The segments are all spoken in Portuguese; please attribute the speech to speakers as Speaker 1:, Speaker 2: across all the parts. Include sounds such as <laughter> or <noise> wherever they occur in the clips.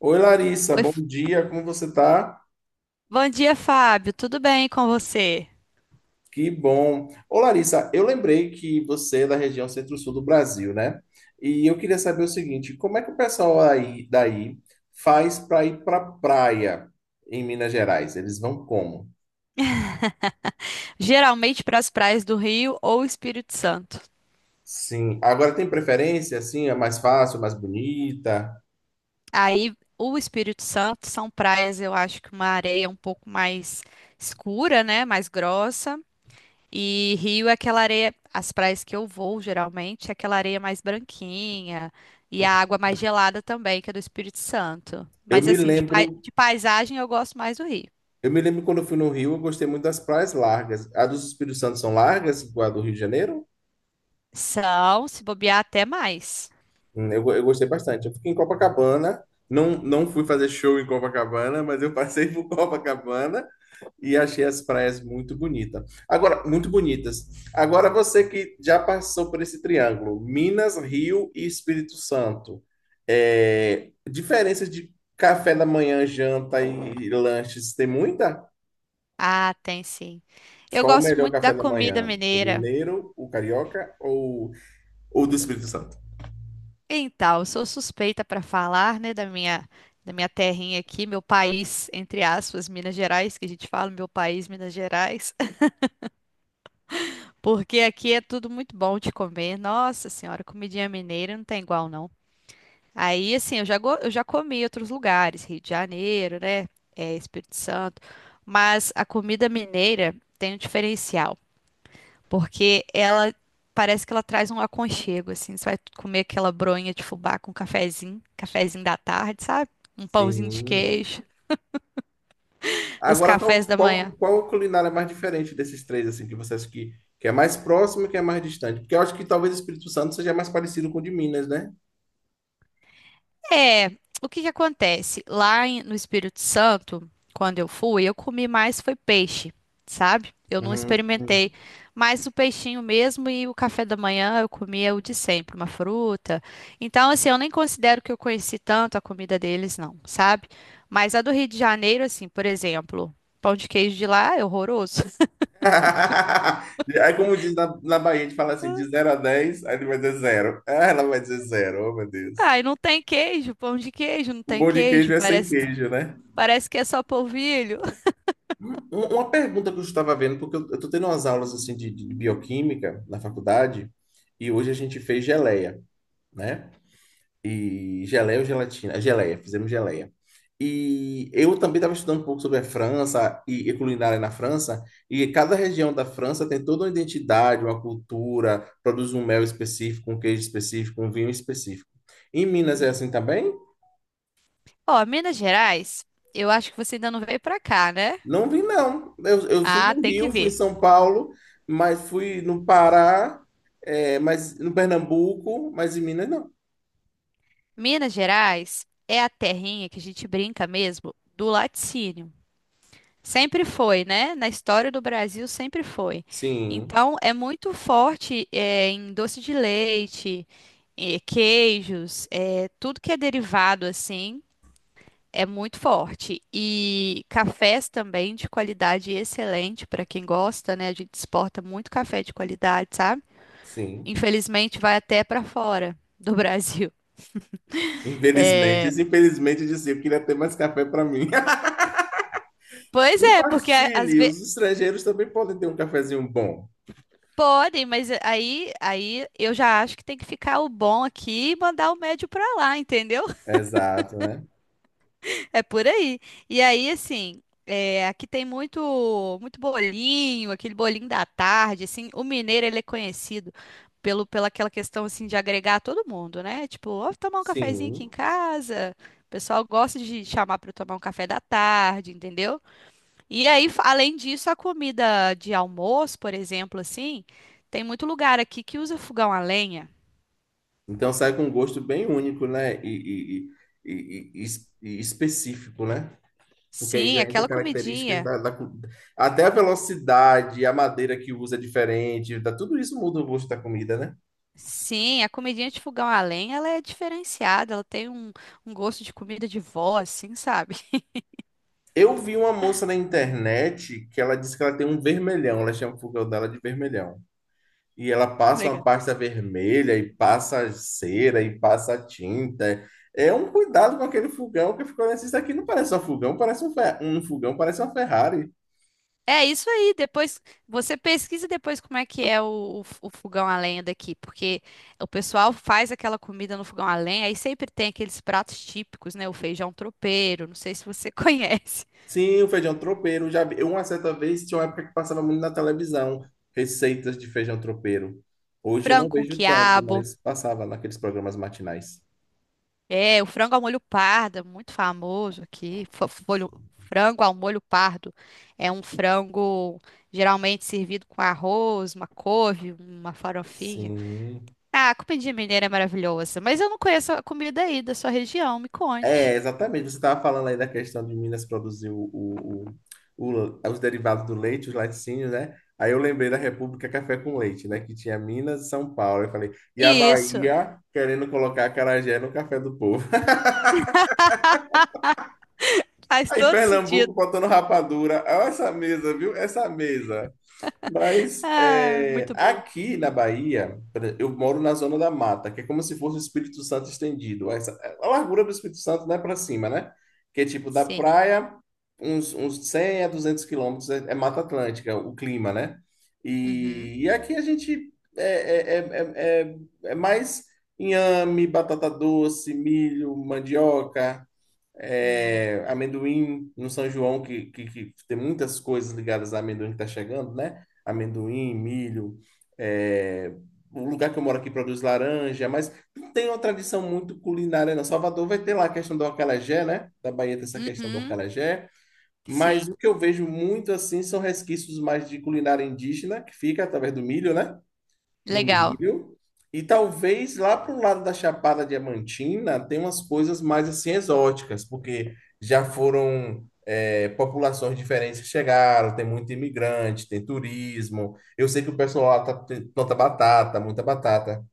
Speaker 1: Oi, Larissa,
Speaker 2: Oi,
Speaker 1: bom dia, como você tá?
Speaker 2: Bom dia, Fábio. Tudo bem com você?
Speaker 1: Que bom. Ô, Larissa, eu lembrei que você é da região centro-sul do Brasil, né? E eu queria saber o seguinte, como é que o pessoal aí daí faz para ir para praia em Minas Gerais? Eles vão como?
Speaker 2: Geralmente para as praias do Rio ou Espírito Santo.
Speaker 1: Sim. Agora tem preferência, assim, é mais fácil, mais bonita?
Speaker 2: Aí, o Espírito Santo são praias, eu acho que uma areia um pouco mais escura, né? Mais grossa. E Rio é aquela areia, as praias que eu vou geralmente, é aquela areia mais branquinha e a água mais gelada também, que é do Espírito Santo.
Speaker 1: Eu
Speaker 2: Mas
Speaker 1: me
Speaker 2: assim,
Speaker 1: lembro,
Speaker 2: de paisagem eu gosto mais do Rio.
Speaker 1: eu me lembro quando eu fui no Rio, eu gostei muito das praias largas. A dos Espíritos Santo são largas, igual a do Rio de Janeiro?
Speaker 2: São, se bobear, até mais.
Speaker 1: Eu gostei bastante. Eu fiquei em Copacabana, não, não fui fazer show em Copacabana, mas eu passei por <laughs> Copacabana e achei as praias muito bonitas. Agora, muito bonitas. Agora, você que já passou por esse triângulo, Minas, Rio e Espírito Santo, é, diferenças de café da manhã, janta e lanches, tem muita?
Speaker 2: Ah, tem sim. Eu
Speaker 1: Qual o
Speaker 2: gosto
Speaker 1: melhor
Speaker 2: muito
Speaker 1: café
Speaker 2: da
Speaker 1: da
Speaker 2: comida
Speaker 1: manhã? O
Speaker 2: mineira.
Speaker 1: mineiro, o carioca ou o do Espírito Santo?
Speaker 2: Então, eu sou suspeita para falar, né, da minha terrinha aqui, meu país, entre aspas, Minas Gerais, que a gente fala, meu país, Minas Gerais, <laughs> porque aqui é tudo muito bom de comer. Nossa Senhora, comidinha mineira não tem igual não. Aí, assim, eu já comi em outros lugares, Rio de Janeiro, né, é, Espírito Santo, mas a comida mineira tem um diferencial. Porque ela parece que ela traz um aconchego, assim. Você vai comer aquela bronha de fubá com cafezinho, cafezinho da tarde, sabe? Um pãozinho de
Speaker 1: Sim.
Speaker 2: queijo, os
Speaker 1: Agora,
Speaker 2: cafés
Speaker 1: qual,
Speaker 2: da
Speaker 1: qual,
Speaker 2: manhã.
Speaker 1: qual culinária é mais diferente desses três, assim, que você acha que é mais próximo e que é mais distante? Porque eu acho que talvez o Espírito Santo seja mais parecido com o de Minas, né?
Speaker 2: É, o que que acontece? No Espírito Santo, quando eu fui, eu comi mais foi peixe, sabe? Eu não
Speaker 1: Hum.
Speaker 2: experimentei mais o peixinho mesmo e o café da manhã eu comia o de sempre, uma fruta. Então, assim, eu nem considero que eu conheci tanto a comida deles, não, sabe? Mas a do Rio de Janeiro, assim, por exemplo, pão de queijo de lá é horroroso. <laughs>
Speaker 1: <laughs> Aí, como diz na Bahia, a gente fala assim, de zero a 10 aí ele vai dizer zero. Ah, ela vai dizer zero, oh meu Deus.
Speaker 2: Ai, não tem queijo, pão de queijo, não
Speaker 1: O
Speaker 2: tem
Speaker 1: bom de queijo
Speaker 2: queijo,
Speaker 1: é sem
Speaker 2: parece,
Speaker 1: queijo, né?
Speaker 2: parece que é só polvilho.
Speaker 1: Uma pergunta que eu estava vendo, porque eu estou tendo umas aulas assim de bioquímica na faculdade, e hoje a gente fez geleia, né? E geleia ou gelatina? Geleia, fizemos geleia. E eu também estava estudando um pouco sobre a França e culinária na França, e cada região da França tem toda uma identidade, uma cultura, produz um mel específico, um queijo específico, um vinho específico. Em Minas é assim também?
Speaker 2: Ó, Minas Gerais, eu acho que você ainda não veio pra cá, né?
Speaker 1: Não vi, não. Eu fui
Speaker 2: Ah,
Speaker 1: no
Speaker 2: tem que
Speaker 1: Rio, fui em
Speaker 2: ver.
Speaker 1: São Paulo, mas fui no Pará, é, mas no Pernambuco, mas em Minas não.
Speaker 2: Minas Gerais é a terrinha que a gente brinca mesmo do laticínio. Sempre foi, né? Na história do Brasil sempre foi.
Speaker 1: Sim,
Speaker 2: Então é muito forte é, em doce de leite, queijos, é, tudo que é derivado assim é muito forte. E cafés também de qualidade excelente para quem gosta, né? A gente exporta muito café de qualidade, sabe?
Speaker 1: sim.
Speaker 2: Infelizmente, vai até para fora do Brasil.
Speaker 1: Infelizmente, infelizmente, eu disse, eu queria ter mais café para mim. <laughs>
Speaker 2: Pois é, porque às
Speaker 1: Compartilhe,
Speaker 2: vezes
Speaker 1: os estrangeiros também podem ter um cafezinho bom.
Speaker 2: podem, mas aí eu já acho que tem que ficar o bom aqui e mandar o médio para lá, entendeu?
Speaker 1: Exato, né?
Speaker 2: <laughs> É por aí. E aí, assim, é, aqui tem muito, muito bolinho, aquele bolinho da tarde, assim. O mineiro ele é conhecido pelo pela aquela questão assim de agregar todo mundo, né? Tipo, ó, vou tomar um cafezinho aqui em
Speaker 1: Sim.
Speaker 2: casa. O pessoal gosta de chamar para tomar um café da tarde, entendeu? E aí, além disso, a comida de almoço, por exemplo, assim, tem muito lugar aqui que usa fogão a lenha.
Speaker 1: Então sai com um gosto bem único, né? E, e- e- e específico, né? Porque aí
Speaker 2: Sim,
Speaker 1: já entra
Speaker 2: aquela
Speaker 1: características
Speaker 2: comidinha.
Speaker 1: da, da cu- Até a velocidade, a madeira que usa é diferente, tá, tudo isso muda o gosto da comida, né?
Speaker 2: Sim, a comidinha de fogão a lenha, ela é diferenciada, ela tem um, um gosto de comida de vó, assim, sabe?
Speaker 1: Eu vi uma moça na internet que ela disse que ela tem um vermelhão, ela chama o fogão dela de vermelhão. E ela
Speaker 2: <laughs>
Speaker 1: passa uma
Speaker 2: Legal.
Speaker 1: pasta vermelha, e passa cera, e passa tinta. É um cuidado com aquele fogão que ficou assim, isso aqui não parece um fogão, parece um fogão, parece uma Ferrari.
Speaker 2: É isso aí, depois você pesquisa depois como é que é o fogão a lenha daqui, porque o pessoal faz aquela comida no fogão a lenha, aí sempre tem aqueles pratos típicos, né? O feijão tropeiro, não sei se você <laughs> conhece,
Speaker 1: Sim, o feijão tropeiro. Já vi. Uma certa vez tinha uma época que passava muito na televisão receitas de feijão tropeiro. Hoje eu
Speaker 2: frango
Speaker 1: não
Speaker 2: com
Speaker 1: vejo tanto,
Speaker 2: quiabo.
Speaker 1: mas passava naqueles programas matinais.
Speaker 2: É, o frango ao molho pardo, é muito famoso aqui. Frango ao molho pardo é um frango geralmente servido com arroz, uma couve, uma farofinha.
Speaker 1: Sim.
Speaker 2: Ah, a comidinha mineira é maravilhosa, mas eu não conheço a comida aí da sua região, me
Speaker 1: É,
Speaker 2: conte.
Speaker 1: exatamente. Você estava falando aí da questão de Minas produzir os derivados do leite, os laticínios, né? Aí eu lembrei da República Café com Leite, né? Que tinha Minas e São Paulo. Eu falei, e a
Speaker 2: Isso,
Speaker 1: Bahia querendo colocar acarajé no café do povo. <laughs>
Speaker 2: faz
Speaker 1: Aí
Speaker 2: todo sentido.
Speaker 1: Pernambuco botando rapadura. Olha essa mesa, viu? Essa mesa. Mas
Speaker 2: Ah,
Speaker 1: é,
Speaker 2: muito bom.
Speaker 1: aqui na Bahia, por exemplo, eu moro na zona da mata, que é como se fosse o Espírito Santo estendido. A largura do Espírito Santo não é para cima, né? Que é tipo da
Speaker 2: Sim.
Speaker 1: praia, uns 100 a 200 quilômetros é Mata Atlântica, o clima, né?
Speaker 2: Uhum.
Speaker 1: E aqui a gente é, é, é, é mais inhame, batata doce, milho, mandioca,
Speaker 2: Uhum.
Speaker 1: é, amendoim no São João, que tem muitas coisas ligadas a amendoim que tá chegando, né? Amendoim, milho, é, o lugar que eu moro aqui produz laranja, mas não tem uma tradição muito culinária, não. Salvador vai ter lá a questão do acarajé, né? Da Bahia tem essa questão do
Speaker 2: Uhum.
Speaker 1: acarajé, mas
Speaker 2: Sim.
Speaker 1: o que eu vejo muito assim são resquícios mais de culinária indígena, que fica através do milho, né? No
Speaker 2: Legal.
Speaker 1: milho. E talvez lá para o lado da Chapada Diamantina tem umas coisas mais assim exóticas, porque já foram é, populações diferentes que chegaram, tem muito imigrante, tem turismo. Eu sei que o pessoal lá planta batata, muita batata.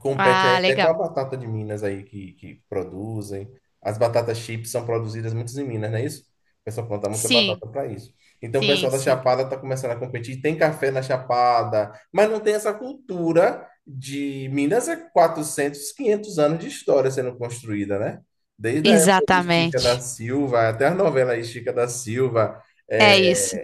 Speaker 1: Compete aí
Speaker 2: Ah,
Speaker 1: até com a
Speaker 2: legal.
Speaker 1: batata de Minas aí que produzem. As batatas chips são produzidas muitas em Minas, não é isso? O pessoal planta muita
Speaker 2: Sim,
Speaker 1: batata para isso. Então o
Speaker 2: sim,
Speaker 1: pessoal da
Speaker 2: sim.
Speaker 1: Chapada está começando a competir. Tem café na Chapada, mas não tem essa cultura de Minas é 400 500 anos de história sendo construída, né? Desde a época de Chica da
Speaker 2: Exatamente.
Speaker 1: Silva, até a novela aí, Chica da Silva,
Speaker 2: É isso.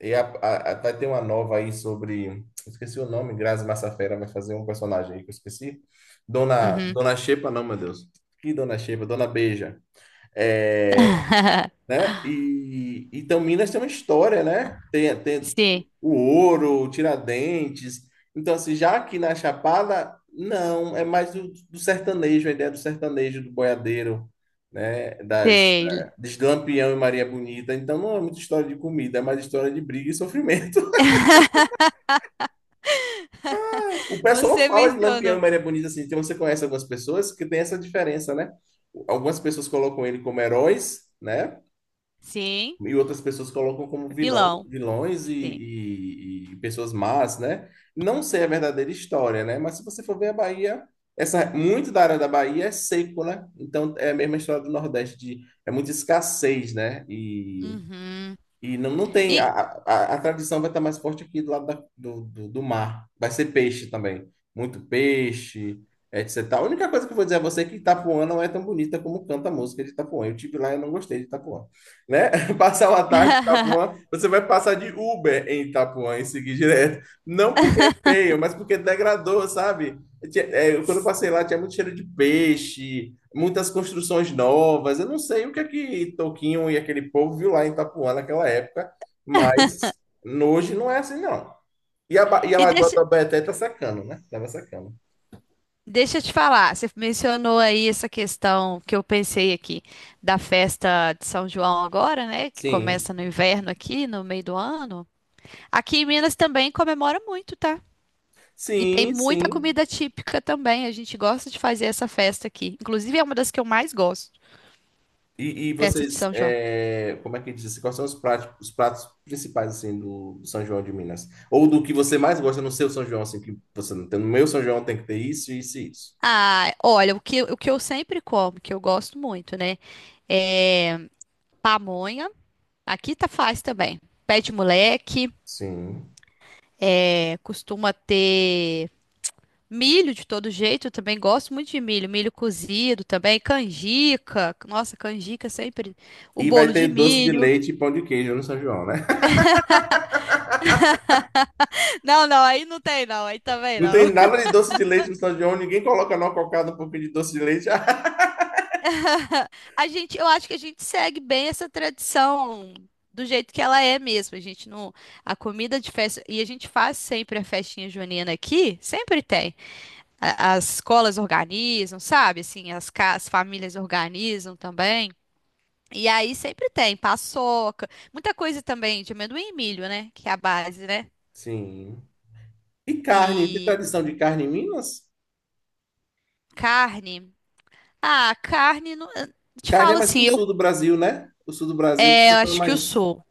Speaker 1: e vai ter uma nova aí sobre. Esqueci o nome, Grazi Massafera vai fazer um personagem aí que eu esqueci. Dona,
Speaker 2: Uhum.
Speaker 1: Dona Xepa, não, meu Deus. Que Dona Xepa? Dona Beija. É,
Speaker 2: <laughs>
Speaker 1: né? E então Minas tem uma história, né? Tem
Speaker 2: Sim,
Speaker 1: o ouro, o Tiradentes. Então, assim, já aqui na Chapada, não, é mais do sertanejo, a ideia do sertanejo, do boiadeiro, né? Das, da,
Speaker 2: sei.
Speaker 1: de Lampião e Maria Bonita. Então, não é muita história de comida, é mais história de briga e sofrimento. <laughs> O pessoal
Speaker 2: Você
Speaker 1: fala de Lampião e
Speaker 2: mencionou.
Speaker 1: Maria Bonita, assim, então você conhece algumas pessoas que tem essa diferença, né? Algumas pessoas colocam ele como heróis, né?
Speaker 2: Sim,
Speaker 1: E outras pessoas colocam como vilão,
Speaker 2: vilão.
Speaker 1: vilões e,
Speaker 2: Sim.
Speaker 1: e- e pessoas más, né? Não sei a verdadeira história, né? Mas se você for ver a Bahia, essa, muito da área da Bahia é seco, né? Então é a mesma história do Nordeste, de, é muita escassez, né? E
Speaker 2: Uhum.
Speaker 1: e não, não tem. A,
Speaker 2: E,
Speaker 1: a, a tradição vai estar mais forte aqui do lado do mar. Vai ser peixe também. Muito peixe, etc. A única coisa que eu vou dizer a você é que Itapuã não é tão bonita como canta a música de Itapuã. Eu tive lá e eu não gostei de Itapuã. Né? <laughs> Passar uma tarde em Itapuã,
Speaker 2: <laughs>
Speaker 1: você vai passar de Uber em Itapuã e seguir direto. Não porque é feio, mas porque degradou, sabe? Quando eu passei lá, tinha muito cheiro de peixe, muitas construções novas. Eu não sei o que é que Toquinho e aquele povo viu lá em Itapuã naquela época, mas hoje não é assim, não. E a
Speaker 2: e
Speaker 1: Lagoa da Baeté tá secando, né? Tava secando.
Speaker 2: deixa eu te falar, você mencionou aí essa questão que eu pensei aqui da festa de São João agora, né? Que
Speaker 1: Sim,
Speaker 2: começa no inverno aqui, no meio do ano. Aqui em Minas também comemora muito, tá? E tem
Speaker 1: sim,
Speaker 2: muita
Speaker 1: sim.
Speaker 2: comida típica também. A gente gosta de fazer essa festa aqui. Inclusive, é uma das que eu mais gosto,
Speaker 1: E
Speaker 2: festa de
Speaker 1: vocês,
Speaker 2: São João.
Speaker 1: é, como é que diz? Assim, quais são os pratos principais, assim, do São João de Minas? Ou do que você mais gosta no seu São João, assim, que você não tem. No meu São João tem que ter isso, isso e isso.
Speaker 2: Ah, olha, o que eu sempre como, que eu gosto muito, né? É pamonha. Aqui tá faz também. Pé de moleque,
Speaker 1: Sim.
Speaker 2: é, costuma ter milho de todo jeito, eu também gosto muito de milho, milho cozido também, canjica. Nossa, canjica é sempre o
Speaker 1: E vai
Speaker 2: bolo
Speaker 1: ter
Speaker 2: de
Speaker 1: doce de
Speaker 2: milho.
Speaker 1: leite e pão de queijo no São João, né? <laughs>
Speaker 2: <laughs> Não, aí não tem não, aí também
Speaker 1: Não tem
Speaker 2: não.
Speaker 1: nada de doce de leite no São João, ninguém coloca numa cocada um pouquinho de doce de leite. <laughs>
Speaker 2: <laughs> A gente, eu acho que a gente segue bem essa tradição do jeito que ela é mesmo. A gente não, a comida de festa e a gente faz sempre a festinha junina aqui, sempre tem. As escolas organizam, sabe? Assim, as famílias organizam também. E aí sempre tem paçoca, muita coisa também de amendoim e milho, né? Que é a base, né?
Speaker 1: Sim. E carne, tem
Speaker 2: E
Speaker 1: tradição de carne em Minas?
Speaker 2: carne. Ah, carne, eu te
Speaker 1: Carne é
Speaker 2: falo
Speaker 1: mais
Speaker 2: assim,
Speaker 1: pro sul do Brasil, né? O sul do Brasil que o
Speaker 2: eu
Speaker 1: pessoal é
Speaker 2: acho que eu
Speaker 1: mais.
Speaker 2: sou.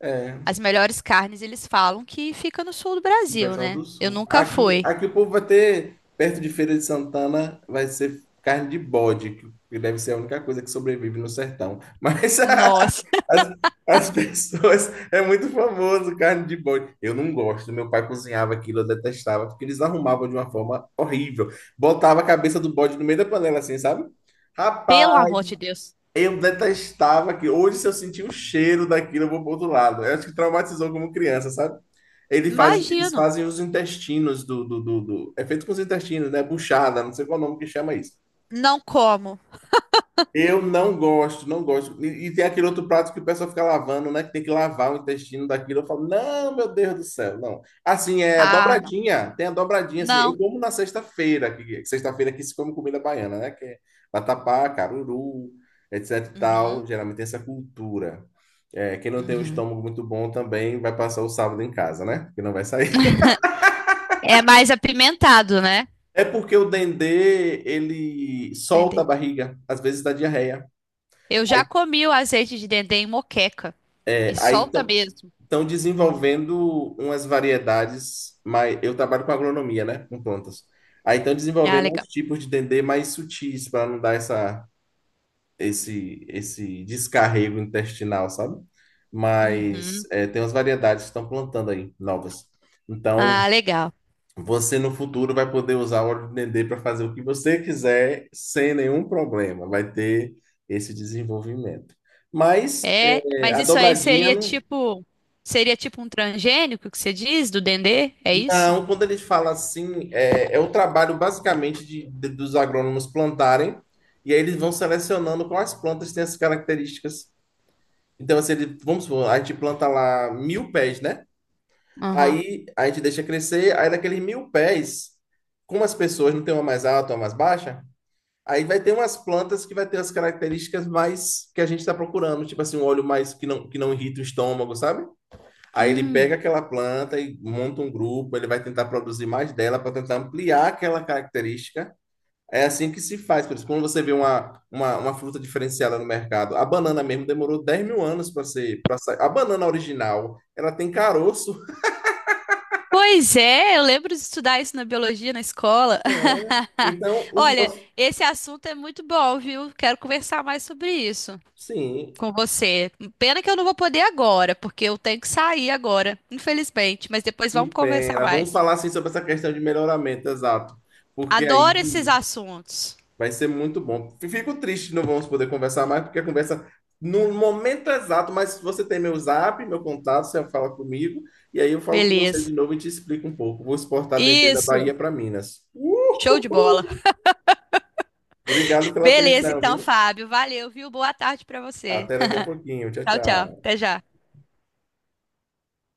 Speaker 1: É,
Speaker 2: As melhores carnes, eles falam que fica no sul do
Speaker 1: o
Speaker 2: Brasil,
Speaker 1: pessoal
Speaker 2: né?
Speaker 1: do
Speaker 2: Eu
Speaker 1: sul.
Speaker 2: nunca
Speaker 1: Aqui,
Speaker 2: fui.
Speaker 1: aqui o povo vai ter, perto de Feira de Santana, vai ser carne de bode, que deve ser a única coisa que sobrevive no sertão. Mas
Speaker 2: Nossa,
Speaker 1: <laughs>
Speaker 2: <laughs>
Speaker 1: As, as <laughs> pessoas. É muito famoso carne de boi. Eu não gosto. Meu pai cozinhava aquilo, eu detestava, porque eles arrumavam de uma forma horrível. Botava a cabeça do bode no meio da panela, assim, sabe?
Speaker 2: pelo
Speaker 1: Rapaz,
Speaker 2: amor de Deus.
Speaker 1: eu detestava aquilo. Hoje, se eu sentir o cheiro daquilo, eu vou pro outro lado. Eu acho que traumatizou como criança, sabe? Ele faz, eles
Speaker 2: Imagino.
Speaker 1: fazem os intestinos. É feito com os intestinos, né? Buchada, não sei qual é o nome que chama isso.
Speaker 2: Não como.
Speaker 1: Eu não gosto, não gosto. E tem aquele outro prato que o pessoal fica lavando, né? Que tem que lavar o intestino daquilo. Eu falo, não, meu Deus do céu, não. Assim, é a
Speaker 2: Ah, não.
Speaker 1: dobradinha, tem a dobradinha, assim. Eu
Speaker 2: Não.
Speaker 1: como na sexta-feira, que sexta-feira aqui se come comida baiana, né? Que é vatapá, caruru, etc e
Speaker 2: Uhum,
Speaker 1: tal. Geralmente tem essa cultura. É, quem não tem um
Speaker 2: uhum.
Speaker 1: estômago muito bom também vai passar o sábado em casa, né? Porque não vai sair. <laughs>
Speaker 2: É mais apimentado, né?
Speaker 1: É porque o dendê, ele solta
Speaker 2: Dendê.
Speaker 1: a barriga, às vezes dá diarreia.
Speaker 2: Eu já comi o azeite de dendê em moqueca.
Speaker 1: É,
Speaker 2: E
Speaker 1: aí
Speaker 2: solta mesmo.
Speaker 1: estão desenvolvendo umas variedades, mas eu trabalho com agronomia, né? Com plantas. Aí estão
Speaker 2: Ah,
Speaker 1: desenvolvendo uns
Speaker 2: legal.
Speaker 1: tipos de dendê mais sutis para não dar esse descarrego intestinal, sabe? Mas
Speaker 2: Uhum.
Speaker 1: é, tem umas variedades que estão plantando aí, novas. Então,
Speaker 2: Ah, legal.
Speaker 1: você no futuro vai poder usar o óleo de dendê para fazer o que você quiser sem nenhum problema. Vai ter esse desenvolvimento. Mas
Speaker 2: É,
Speaker 1: é,
Speaker 2: mas
Speaker 1: a
Speaker 2: isso aí
Speaker 1: dobradinha
Speaker 2: seria
Speaker 1: não.
Speaker 2: tipo, seria tipo um transgênico que você diz do dendê? É isso?
Speaker 1: Não, quando eles falam assim, é o trabalho basicamente dos agrônomos plantarem, e aí eles vão selecionando quais plantas têm as características. Então, assim, vamos supor, a gente planta lá mil pés, né?
Speaker 2: Aham.
Speaker 1: Aí a gente deixa crescer, aí daqueles mil pés, como as pessoas não tem uma mais alta, uma mais baixa, aí vai ter umas plantas que vai ter as características mais que a gente está procurando, tipo assim, um óleo mais que não irrita o estômago, sabe? Aí ele pega
Speaker 2: Hum.
Speaker 1: aquela planta e monta um grupo, ele vai tentar produzir mais dela para tentar ampliar aquela característica. É assim que se faz. Por isso, quando você vê uma fruta diferenciada no mercado, a banana mesmo demorou 10.000 anos para ser, para sair. A banana original, ela tem caroço.
Speaker 2: Pois é, eu lembro de estudar isso na biologia na escola.
Speaker 1: É. Então,
Speaker 2: <laughs>
Speaker 1: os
Speaker 2: Olha,
Speaker 1: nossos.
Speaker 2: esse assunto é muito bom, viu? Quero conversar mais sobre isso
Speaker 1: Sim,
Speaker 2: com você. Pena que eu não vou poder agora, porque eu tenho que sair agora, infelizmente, mas depois
Speaker 1: que
Speaker 2: vamos conversar
Speaker 1: pena. Vamos
Speaker 2: mais.
Speaker 1: falar assim sobre essa questão de melhoramento, exato. Porque
Speaker 2: Adoro esses
Speaker 1: aí
Speaker 2: assuntos.
Speaker 1: vai ser muito bom. Fico triste, não vamos poder conversar mais, porque a conversa no momento exato, mas você tem meu zap, meu contato, você fala comigo, e aí eu falo com você de
Speaker 2: Beleza.
Speaker 1: novo e te explico um pouco. Vou exportar dendê da
Speaker 2: Isso.
Speaker 1: Bahia para Minas.
Speaker 2: Show de bola.
Speaker 1: Uhul! Obrigado
Speaker 2: <laughs>
Speaker 1: pela
Speaker 2: Beleza,
Speaker 1: atenção,
Speaker 2: então,
Speaker 1: viu?
Speaker 2: Fábio. Valeu, viu? Boa tarde pra você.
Speaker 1: Até daqui a
Speaker 2: <laughs>
Speaker 1: pouquinho. Tchau,
Speaker 2: Tchau, tchau.
Speaker 1: tchau.
Speaker 2: Até já.